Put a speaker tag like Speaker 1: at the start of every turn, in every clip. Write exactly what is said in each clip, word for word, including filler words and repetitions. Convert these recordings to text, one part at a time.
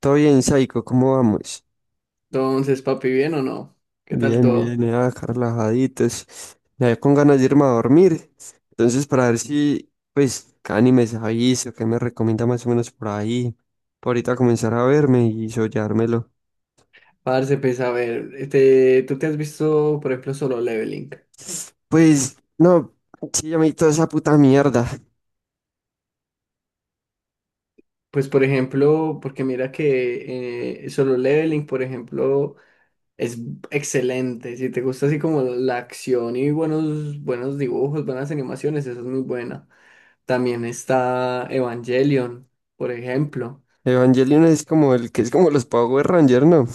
Speaker 1: Todo bien, Saiko, ¿cómo vamos?
Speaker 2: Entonces, papi, ¿bien o no? ¿Qué tal
Speaker 1: Bien, bien,
Speaker 2: todo?
Speaker 1: eh, acá relajaditos. Ya con ganas de irme a dormir. Entonces, para ver si, pues, qué animes aviso, qué me recomienda más o menos por ahí. Por ahorita comenzar a verme y soñármelo.
Speaker 2: Parce, pues a ver, este, tú te has visto, por ejemplo, Solo Leveling.
Speaker 1: Pues, no, sí, ya me vi toda esa puta mierda.
Speaker 2: Pues, por ejemplo, porque mira que eh, Solo Leveling, por ejemplo, es excelente. Si te gusta así como la acción y buenos, buenos dibujos, buenas animaciones, esa es muy buena. También está Evangelion, por ejemplo.
Speaker 1: Evangelion es como el que es como los Power Rangers, ¿no?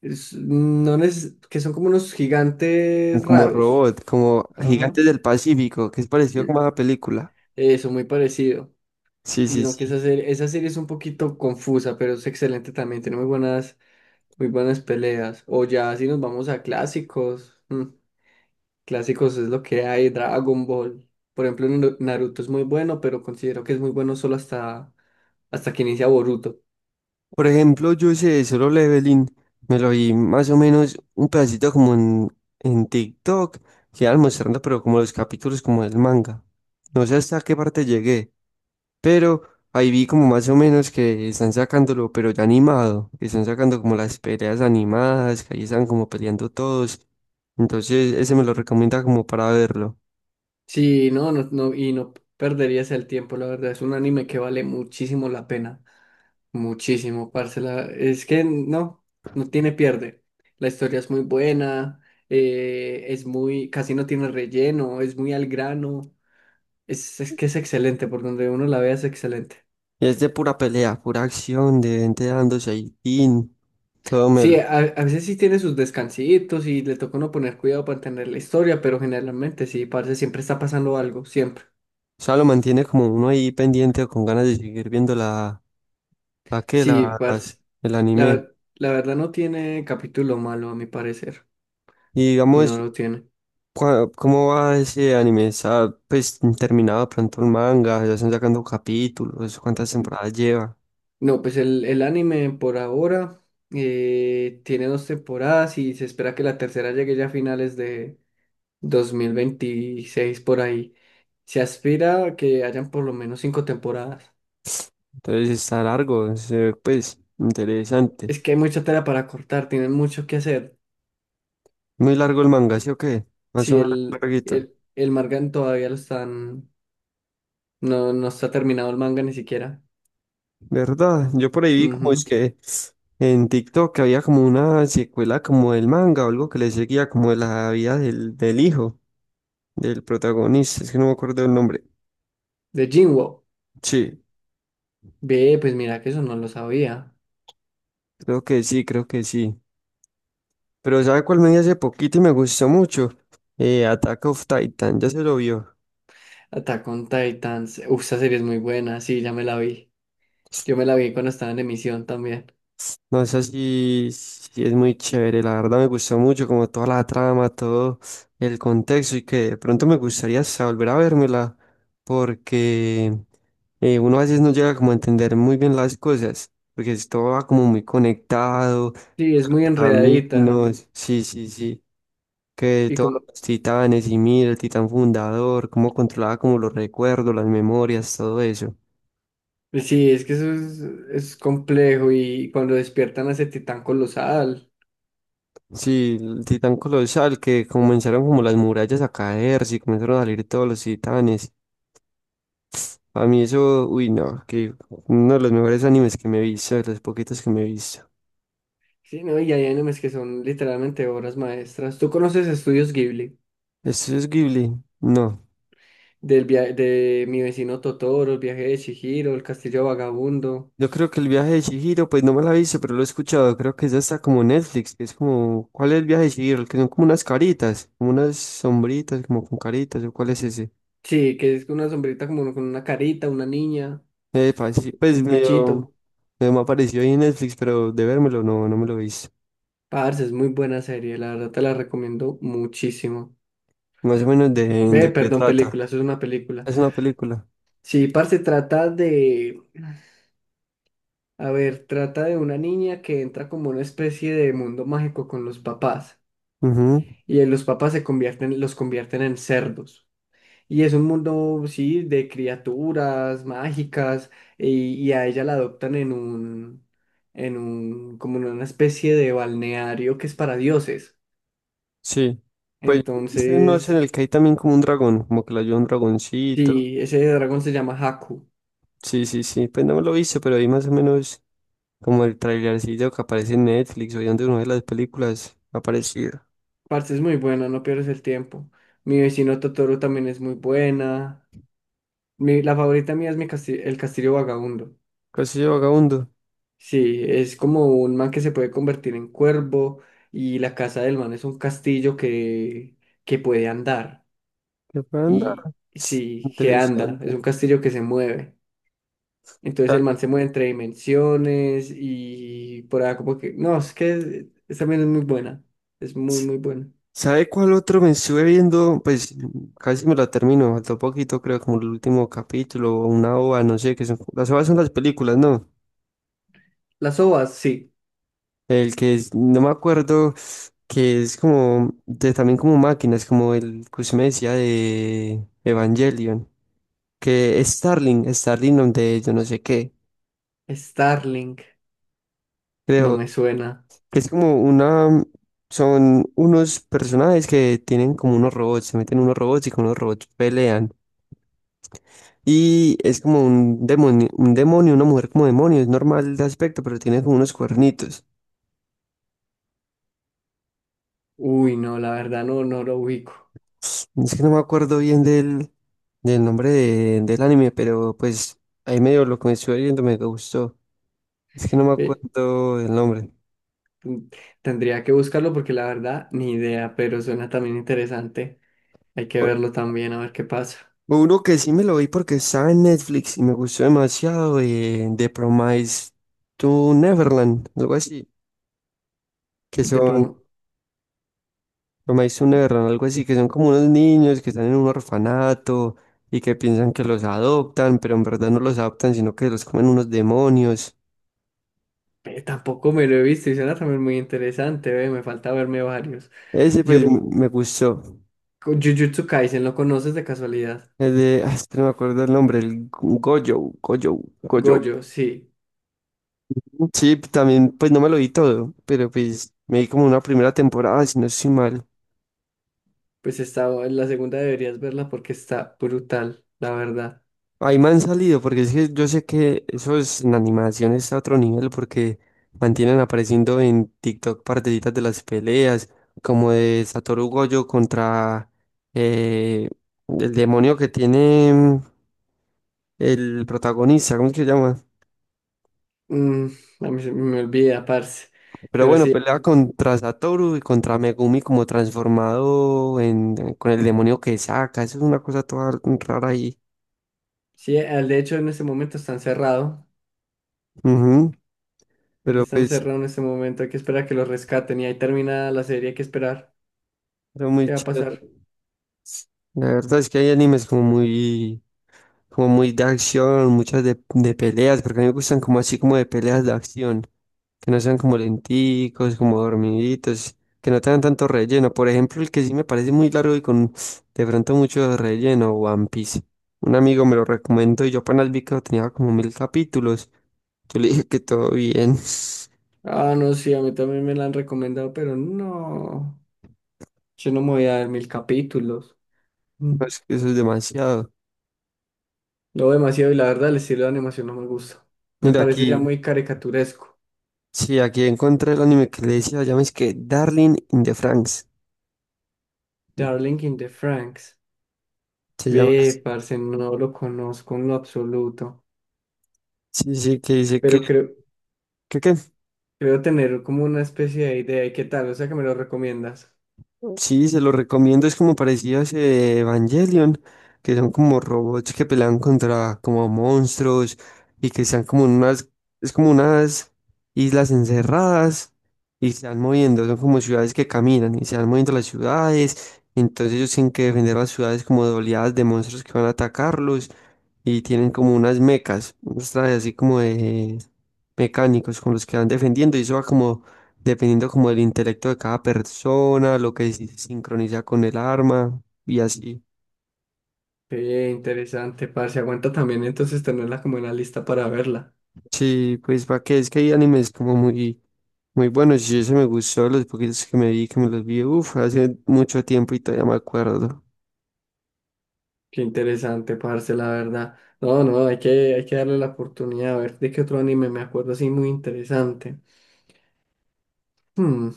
Speaker 2: Es- no neces- que son como unos gigantes
Speaker 1: Como
Speaker 2: raros.
Speaker 1: robot, como
Speaker 2: Ajá.
Speaker 1: Gigantes del Pacífico, que es parecido como a la película.
Speaker 2: Eso, muy parecido.
Speaker 1: Sí,
Speaker 2: Y
Speaker 1: sí,
Speaker 2: no, que
Speaker 1: sí.
Speaker 2: esa serie, esa serie es un poquito confusa, pero es excelente también. Tiene muy buenas, muy buenas peleas. O ya si nos vamos a clásicos. Mm, clásicos es lo que hay, Dragon Ball. Por ejemplo, Naru- Naruto es muy bueno, pero considero que es muy bueno solo hasta, hasta que inicia Boruto.
Speaker 1: Por ejemplo, yo ese de Solo Leveling me lo vi más o menos un pedacito como en, en TikTok, que iban mostrando, pero como los capítulos como del manga. No sé hasta qué parte llegué, pero ahí vi como más o menos que están sacándolo, pero ya animado, que están sacando como las peleas animadas, que ahí están como peleando todos. Entonces, ese me lo recomienda como para verlo.
Speaker 2: Sí, no, no, no, y no perderías el tiempo, la verdad. Es un anime que vale muchísimo la pena. Muchísimo, parce. la- Es que no, no tiene pierde. La historia es muy buena, eh, es muy, casi no tiene relleno, es muy al grano. Es, es que es excelente, por donde uno la vea es excelente.
Speaker 1: Y es de pura pelea, pura acción, de gente dándose ahí, tin, todo
Speaker 2: Sí,
Speaker 1: melo.
Speaker 2: a, a veces sí tiene sus descansitos y le toca uno poner cuidado para entender la historia, pero generalmente sí, parce, siempre está pasando algo, siempre.
Speaker 1: O sea, lo mantiene como uno ahí pendiente o con ganas de seguir viendo la, la que,
Speaker 2: Sí,
Speaker 1: la, las-
Speaker 2: parce.
Speaker 1: el
Speaker 2: La,
Speaker 1: anime.
Speaker 2: ver- la verdad no tiene capítulo malo, a mi parecer.
Speaker 1: Y
Speaker 2: No
Speaker 1: digamos,
Speaker 2: lo tiene.
Speaker 1: cua- ¿cómo va ese anime? ¿Está pues terminado pronto el manga? ¿Ya están sacando capítulos? ¿Cuántas temporadas lleva?
Speaker 2: No, pues el, el anime por ahora eh, tiene dos temporadas y se espera que la tercera llegue ya a finales de dos mil veintiséis por ahí. Se aspira a que hayan por lo menos cinco temporadas.
Speaker 1: Entonces está largo, se ve, pues interesante.
Speaker 2: Es que hay mucha tela para cortar, tienen mucho que hacer.
Speaker 1: Muy largo el manga, ¿sí o qué? Más o
Speaker 2: Si
Speaker 1: menos
Speaker 2: el,
Speaker 1: larguito.
Speaker 2: el, el manga todavía lo están, no, no está terminado el manga ni siquiera.
Speaker 1: ¿Verdad? Yo por ahí vi como es
Speaker 2: Ujú.
Speaker 1: que en TikTok había como una secuela como del manga o algo que le seguía como de la vida del, del hijo. Del protagonista, es que no me acuerdo el nombre.
Speaker 2: De Jinwoo.
Speaker 1: Sí,
Speaker 2: Ve, pues mira que eso no lo sabía.
Speaker 1: creo que sí, creo que sí. Pero ¿sabe cuál me vi hace poquito y me gustó mucho? Eh, Attack of Titan, ya se lo vio.
Speaker 2: Attack on Titans. Uf, esa serie es muy buena, sí, ya me la vi. Yo me la vi cuando estaba en emisión también.
Speaker 1: No sé si, si es muy chévere, la verdad me gustó mucho, como toda la trama, todo el contexto y que de pronto me gustaría hasta volver a vérmela porque eh, uno a veces no llega como a entender muy bien las cosas, porque es- todo va como muy conectado,
Speaker 2: Sí, es muy enredadita.
Speaker 1: caminos, sí, sí, sí, que
Speaker 2: Y
Speaker 1: todos
Speaker 2: como,
Speaker 1: los titanes y mira, el titán fundador, cómo controlaba como los recuerdos, las memorias, todo eso.
Speaker 2: sí, es que eso es, es complejo. Y cuando despiertan a ese titán colosal.
Speaker 1: Sí, el titán colosal, que comenzaron como las murallas a caerse y comenzaron a salir todos los titanes. A mí eso, uy, no, que uno de los mejores animes que me he visto, de los poquitos que me he visto.
Speaker 2: Sí, no, y hay animes que son literalmente obras maestras. ¿Tú conoces Estudios Ghibli?
Speaker 1: ¿Esto es Ghibli? No.
Speaker 2: Del via- de mi vecino Totoro, el viaje de Chihiro, el castillo vagabundo.
Speaker 1: Yo creo que el viaje de Chihiro, pues no me la he visto, pero lo he escuchado. Creo que es hasta como Netflix, que es como, ¿cuál es el viaje de Chihiro? El que son como unas caritas, como unas sombritas, como con caritas, ¿o cuál es ese?
Speaker 2: Sí, que es una sombrita como con una carita, una niña,
Speaker 1: Epa, sí, pues
Speaker 2: un
Speaker 1: medio,
Speaker 2: bichito.
Speaker 1: medio me apareció ahí en Netflix, pero de vérmelo no, no me lo hice.
Speaker 2: Parce, es muy buena serie, la verdad te la recomiendo muchísimo.
Speaker 1: Más o menos de,
Speaker 2: Ve,
Speaker 1: de qué
Speaker 2: perdón,
Speaker 1: trata.
Speaker 2: película, eso es una película.
Speaker 1: Es una película.
Speaker 2: Sí, parce, trata de, a ver, trata de una niña que entra como una especie de mundo mágico con los papás
Speaker 1: Ujú.
Speaker 2: y eh, los papás se convierten, los convierten en cerdos. Y es un mundo, sí, de criaturas mágicas y, y a ella la adoptan en un, en un, como en una especie de balneario que es para dioses.
Speaker 1: Sí. Pues este no es en
Speaker 2: Entonces,
Speaker 1: el que hay también como un dragón, como que le ayuda un dragoncito.
Speaker 2: sí, ese dragón se llama Haku.
Speaker 1: Sí, sí, sí. Pues no me lo hice, pero ahí más o menos como el trailercillo que aparece en Netflix o donde una de las películas ha aparecido.
Speaker 2: Parce, es muy buena, no pierdes el tiempo. Mi vecino Totoro también es muy buena. Mi, la favorita mía es mi casti- El Castillo Vagabundo.
Speaker 1: Casi de vagabundo.
Speaker 2: Sí, es como un man que se puede convertir en cuervo y la casa del man es un castillo que, que puede andar.
Speaker 1: ¿Qué fue, anda?
Speaker 2: Y sí, que anda, es
Speaker 1: Interesante.
Speaker 2: un castillo que se mueve. Entonces el man se mueve entre dimensiones y por ahí como que. No, es que es- es- también es muy buena. Es muy, muy buena.
Speaker 1: ¿Sabe cuál otro me estuve viendo? Pues casi me lo termino, faltó poquito, creo, como el último capítulo o una ova, no sé, que son, las ovas son las películas, ¿no?
Speaker 2: Las ovas, sí.
Speaker 1: El que es- no me acuerdo, que es como, de, también como máquinas, como el que usted me decía de Evangelion, que es Starling, Starling donde yo no sé qué,
Speaker 2: Starlink, no
Speaker 1: creo,
Speaker 2: me suena.
Speaker 1: que es como una, son unos personajes que tienen como unos robots, se meten unos robots y con los robots pelean. Y es como un demonio, un demonio, una mujer como demonio, es normal de aspecto, pero tiene como unos cuernitos.
Speaker 2: Uy, no, la verdad no, no lo ubico.
Speaker 1: Es que no me acuerdo bien del, del nombre de- del anime, pero pues ahí medio lo que me estuve viendo me gustó. Es que no me
Speaker 2: Eh,
Speaker 1: acuerdo del nombre.
Speaker 2: Mm, Tendría que buscarlo porque la verdad, ni idea, pero suena también interesante. Hay que
Speaker 1: O-
Speaker 2: verlo también, a ver qué pasa.
Speaker 1: uno que sí me lo vi porque estaba en Netflix y me gustó demasiado, eh, The Promise to Neverland, algo así, que
Speaker 2: De
Speaker 1: son
Speaker 2: pro-
Speaker 1: o me hizo un error, algo así, que son como unos niños que están en un orfanato y que piensan que los adoptan, pero en verdad no los adoptan, sino que los comen unos demonios.
Speaker 2: eh, Tampoco me lo he visto y suena también muy interesante, ve, me falta verme varios.
Speaker 1: Ese
Speaker 2: Yo,
Speaker 1: pues
Speaker 2: co-
Speaker 1: m- me gustó.
Speaker 2: Jujutsu Kaisen, ¿lo conoces de casualidad?
Speaker 1: El de, ah, es que no me acuerdo el nombre, el Gojo, Gojo, Gojo.
Speaker 2: Gojo, sí.
Speaker 1: Sí, también pues no me lo vi todo, pero pues me vi como una primera temporada, si no estoy mal.
Speaker 2: Pues está, la segunda deberías verla porque está brutal, la verdad.
Speaker 1: Ahí me han salido, porque es que yo sé que eso es en animación, está a otro nivel, porque mantienen apareciendo en TikTok partecitas de las peleas, como de Satoru Gojo contra eh, el demonio que tiene mm, el protagonista, ¿cómo es que se llama?
Speaker 2: Mm, a mí se me olvida, parce.
Speaker 1: Pero
Speaker 2: Pero
Speaker 1: bueno,
Speaker 2: sí,
Speaker 1: pelea contra Satoru y contra Megumi como transformado en, con el demonio que saca, eso es una cosa toda rara ahí.
Speaker 2: sí, eh, de hecho en este momento está encerrado.
Speaker 1: Ujú.
Speaker 2: Él
Speaker 1: Pero
Speaker 2: está
Speaker 1: pues,
Speaker 2: encerrado en este momento, hay que esperar a que lo rescaten y ahí termina la serie, hay que esperar.
Speaker 1: pero muy
Speaker 2: ¿Qué va a
Speaker 1: chido.
Speaker 2: pasar?
Speaker 1: La verdad es que hay animes como muy como muy de acción, muchas de, de peleas, porque a mí me gustan como así como de peleas de acción, que no sean como lenticos, como dormiditos, que no tengan tanto relleno. Por ejemplo, el que sí me parece muy largo y con de pronto mucho relleno, One Piece. Un amigo me lo recomendó y yo apenas vi que tenía como mil capítulos. Yo le dije que todo bien.
Speaker 2: Ah, no, sí, a mí también me la han recomendado, pero no. Yo no me voy a dar mil capítulos. Mm.
Speaker 1: No, es que eso es demasiado.
Speaker 2: Lo veo demasiado y la verdad el estilo de animación no me gusta. Me
Speaker 1: Mira
Speaker 2: parece ya
Speaker 1: aquí,
Speaker 2: muy caricaturesco.
Speaker 1: sí, aquí encontré el anime que le decía, llama es que Darling in the Franxx.
Speaker 2: Darling in the Franks.
Speaker 1: Se llama
Speaker 2: Ve,
Speaker 1: así.
Speaker 2: parce, no lo conozco en lo absoluto.
Speaker 1: Sí, sí, que dice que,
Speaker 2: Pero creo,
Speaker 1: que, que
Speaker 2: creo tener como una especie de idea. ¿Y qué tal? O sea, que me lo recomiendas.
Speaker 1: Sí, se lo recomiendo, es como parecido a ese Evangelion, que son como robots que pelean contra como monstruos y que están como en unas, es como unas islas encerradas y se van moviendo, son como ciudades que caminan y se van moviendo las ciudades, entonces ellos tienen que defender las ciudades como de oleadas de monstruos que van a atacarlos y tienen como unas mecas, unos trajes así como de mecánicos con los que van defendiendo y eso va como dependiendo como del intelecto de cada persona, lo que se sincroniza con el arma y así.
Speaker 2: Qué interesante, parce. Aguanta también entonces tenerla como en la lista para verla.
Speaker 1: Sí, pues para que es que hay animes como muy, muy buenos y eso me gustó, los poquitos que me vi, que me los vi, uff, hace mucho tiempo y todavía me acuerdo.
Speaker 2: Qué interesante, parce, la verdad. No, no, hay que, hay que darle la oportunidad a ver de qué otro anime me acuerdo así muy interesante. Hmm,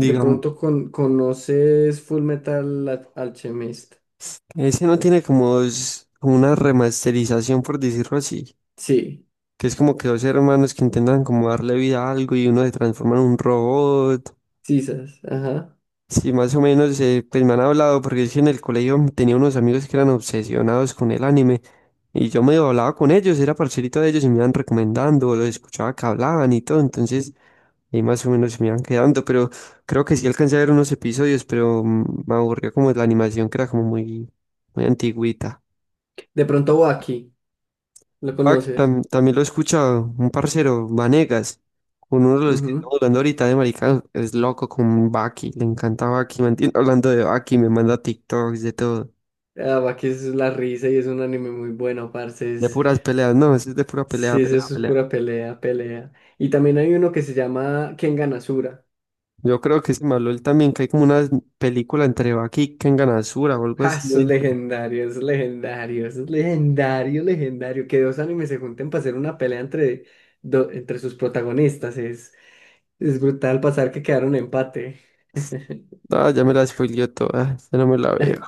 Speaker 2: De
Speaker 1: Digamos,
Speaker 2: pronto con, conoces Full Metal Al- Alchemist.
Speaker 1: ese no tiene como dos- como una remasterización, por decirlo así,
Speaker 2: Sí,
Speaker 1: que es como que dos hermanos que intentan como darle vida a algo y uno se transforma en un robot.
Speaker 2: sisas, ajá.
Speaker 1: Sí, más o menos, eh, pues me han hablado, porque es que en el colegio tenía unos amigos que eran obsesionados con el anime, y yo me hablaba con ellos, era parcerito de ellos y me iban recomendando, los escuchaba que hablaban y todo, entonces ahí más o menos me iban quedando, pero creo que sí alcancé a ver unos episodios, pero mm, me aburrió como la animación que era como muy, muy antigüita.
Speaker 2: De pronto Baki, ¿lo
Speaker 1: Ah, que
Speaker 2: conoces?
Speaker 1: tam- también lo he escuchado un parcero, Vanegas, con uno de los que
Speaker 2: Ujú.
Speaker 1: estamos hablando ahorita de maricanos, es loco con Baki, le encanta Baki, mantiene hablando de Baki, me manda TikToks de todo,
Speaker 2: Ah, Baki es la risa y es un anime muy bueno, parce.
Speaker 1: de
Speaker 2: Es,
Speaker 1: puras peleas, no, eso es de pura pelea,
Speaker 2: sí,
Speaker 1: pelea,
Speaker 2: eso es
Speaker 1: pelea.
Speaker 2: pura pelea, pelea. Y también hay uno que se llama Kengan Asura.
Speaker 1: Yo creo que se me habló él también, que hay como una película entre Baki y Kengan Asura o algo
Speaker 2: Ja,
Speaker 1: así.
Speaker 2: eso es
Speaker 1: ¿Eh?
Speaker 2: legendario, eso es legendario, eso es legendario, legendario. Que dos animes se junten para hacer una pelea entre, do- entre sus protagonistas. Es, es brutal pasar que quedaron empate.
Speaker 1: Ah, ya me la spoileó toda, ya no me la veo.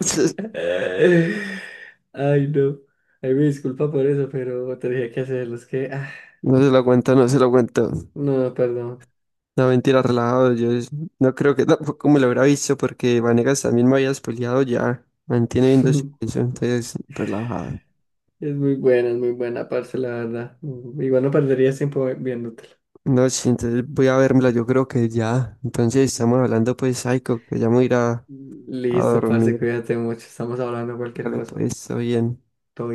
Speaker 2: Ay, no. Ay, me disculpa por eso, pero tenía que hacerlo. Es que, ah,
Speaker 1: No se lo aguanta, no se lo aguanta.
Speaker 2: no, perdón.
Speaker 1: No, mentira, relajado. Yo es- no creo que tampoco me lo hubiera visto porque Vanegas también me había spoileado ya. Mantiene viendo eso, entonces relajado.
Speaker 2: Es muy buena, es muy buena, parce, la verdad. Mm, Igual no perderías tiempo viéndotela.
Speaker 1: No, sí, entonces voy a vérmela, yo creo que ya. Entonces estamos hablando pues, Psycho, que ya me voy a ir a, a
Speaker 2: Listo, parce,
Speaker 1: dormir.
Speaker 2: cuídate mucho. Estamos hablando de cualquier
Speaker 1: Vale,
Speaker 2: cosa.
Speaker 1: pues, está bien.
Speaker 2: Todo bien.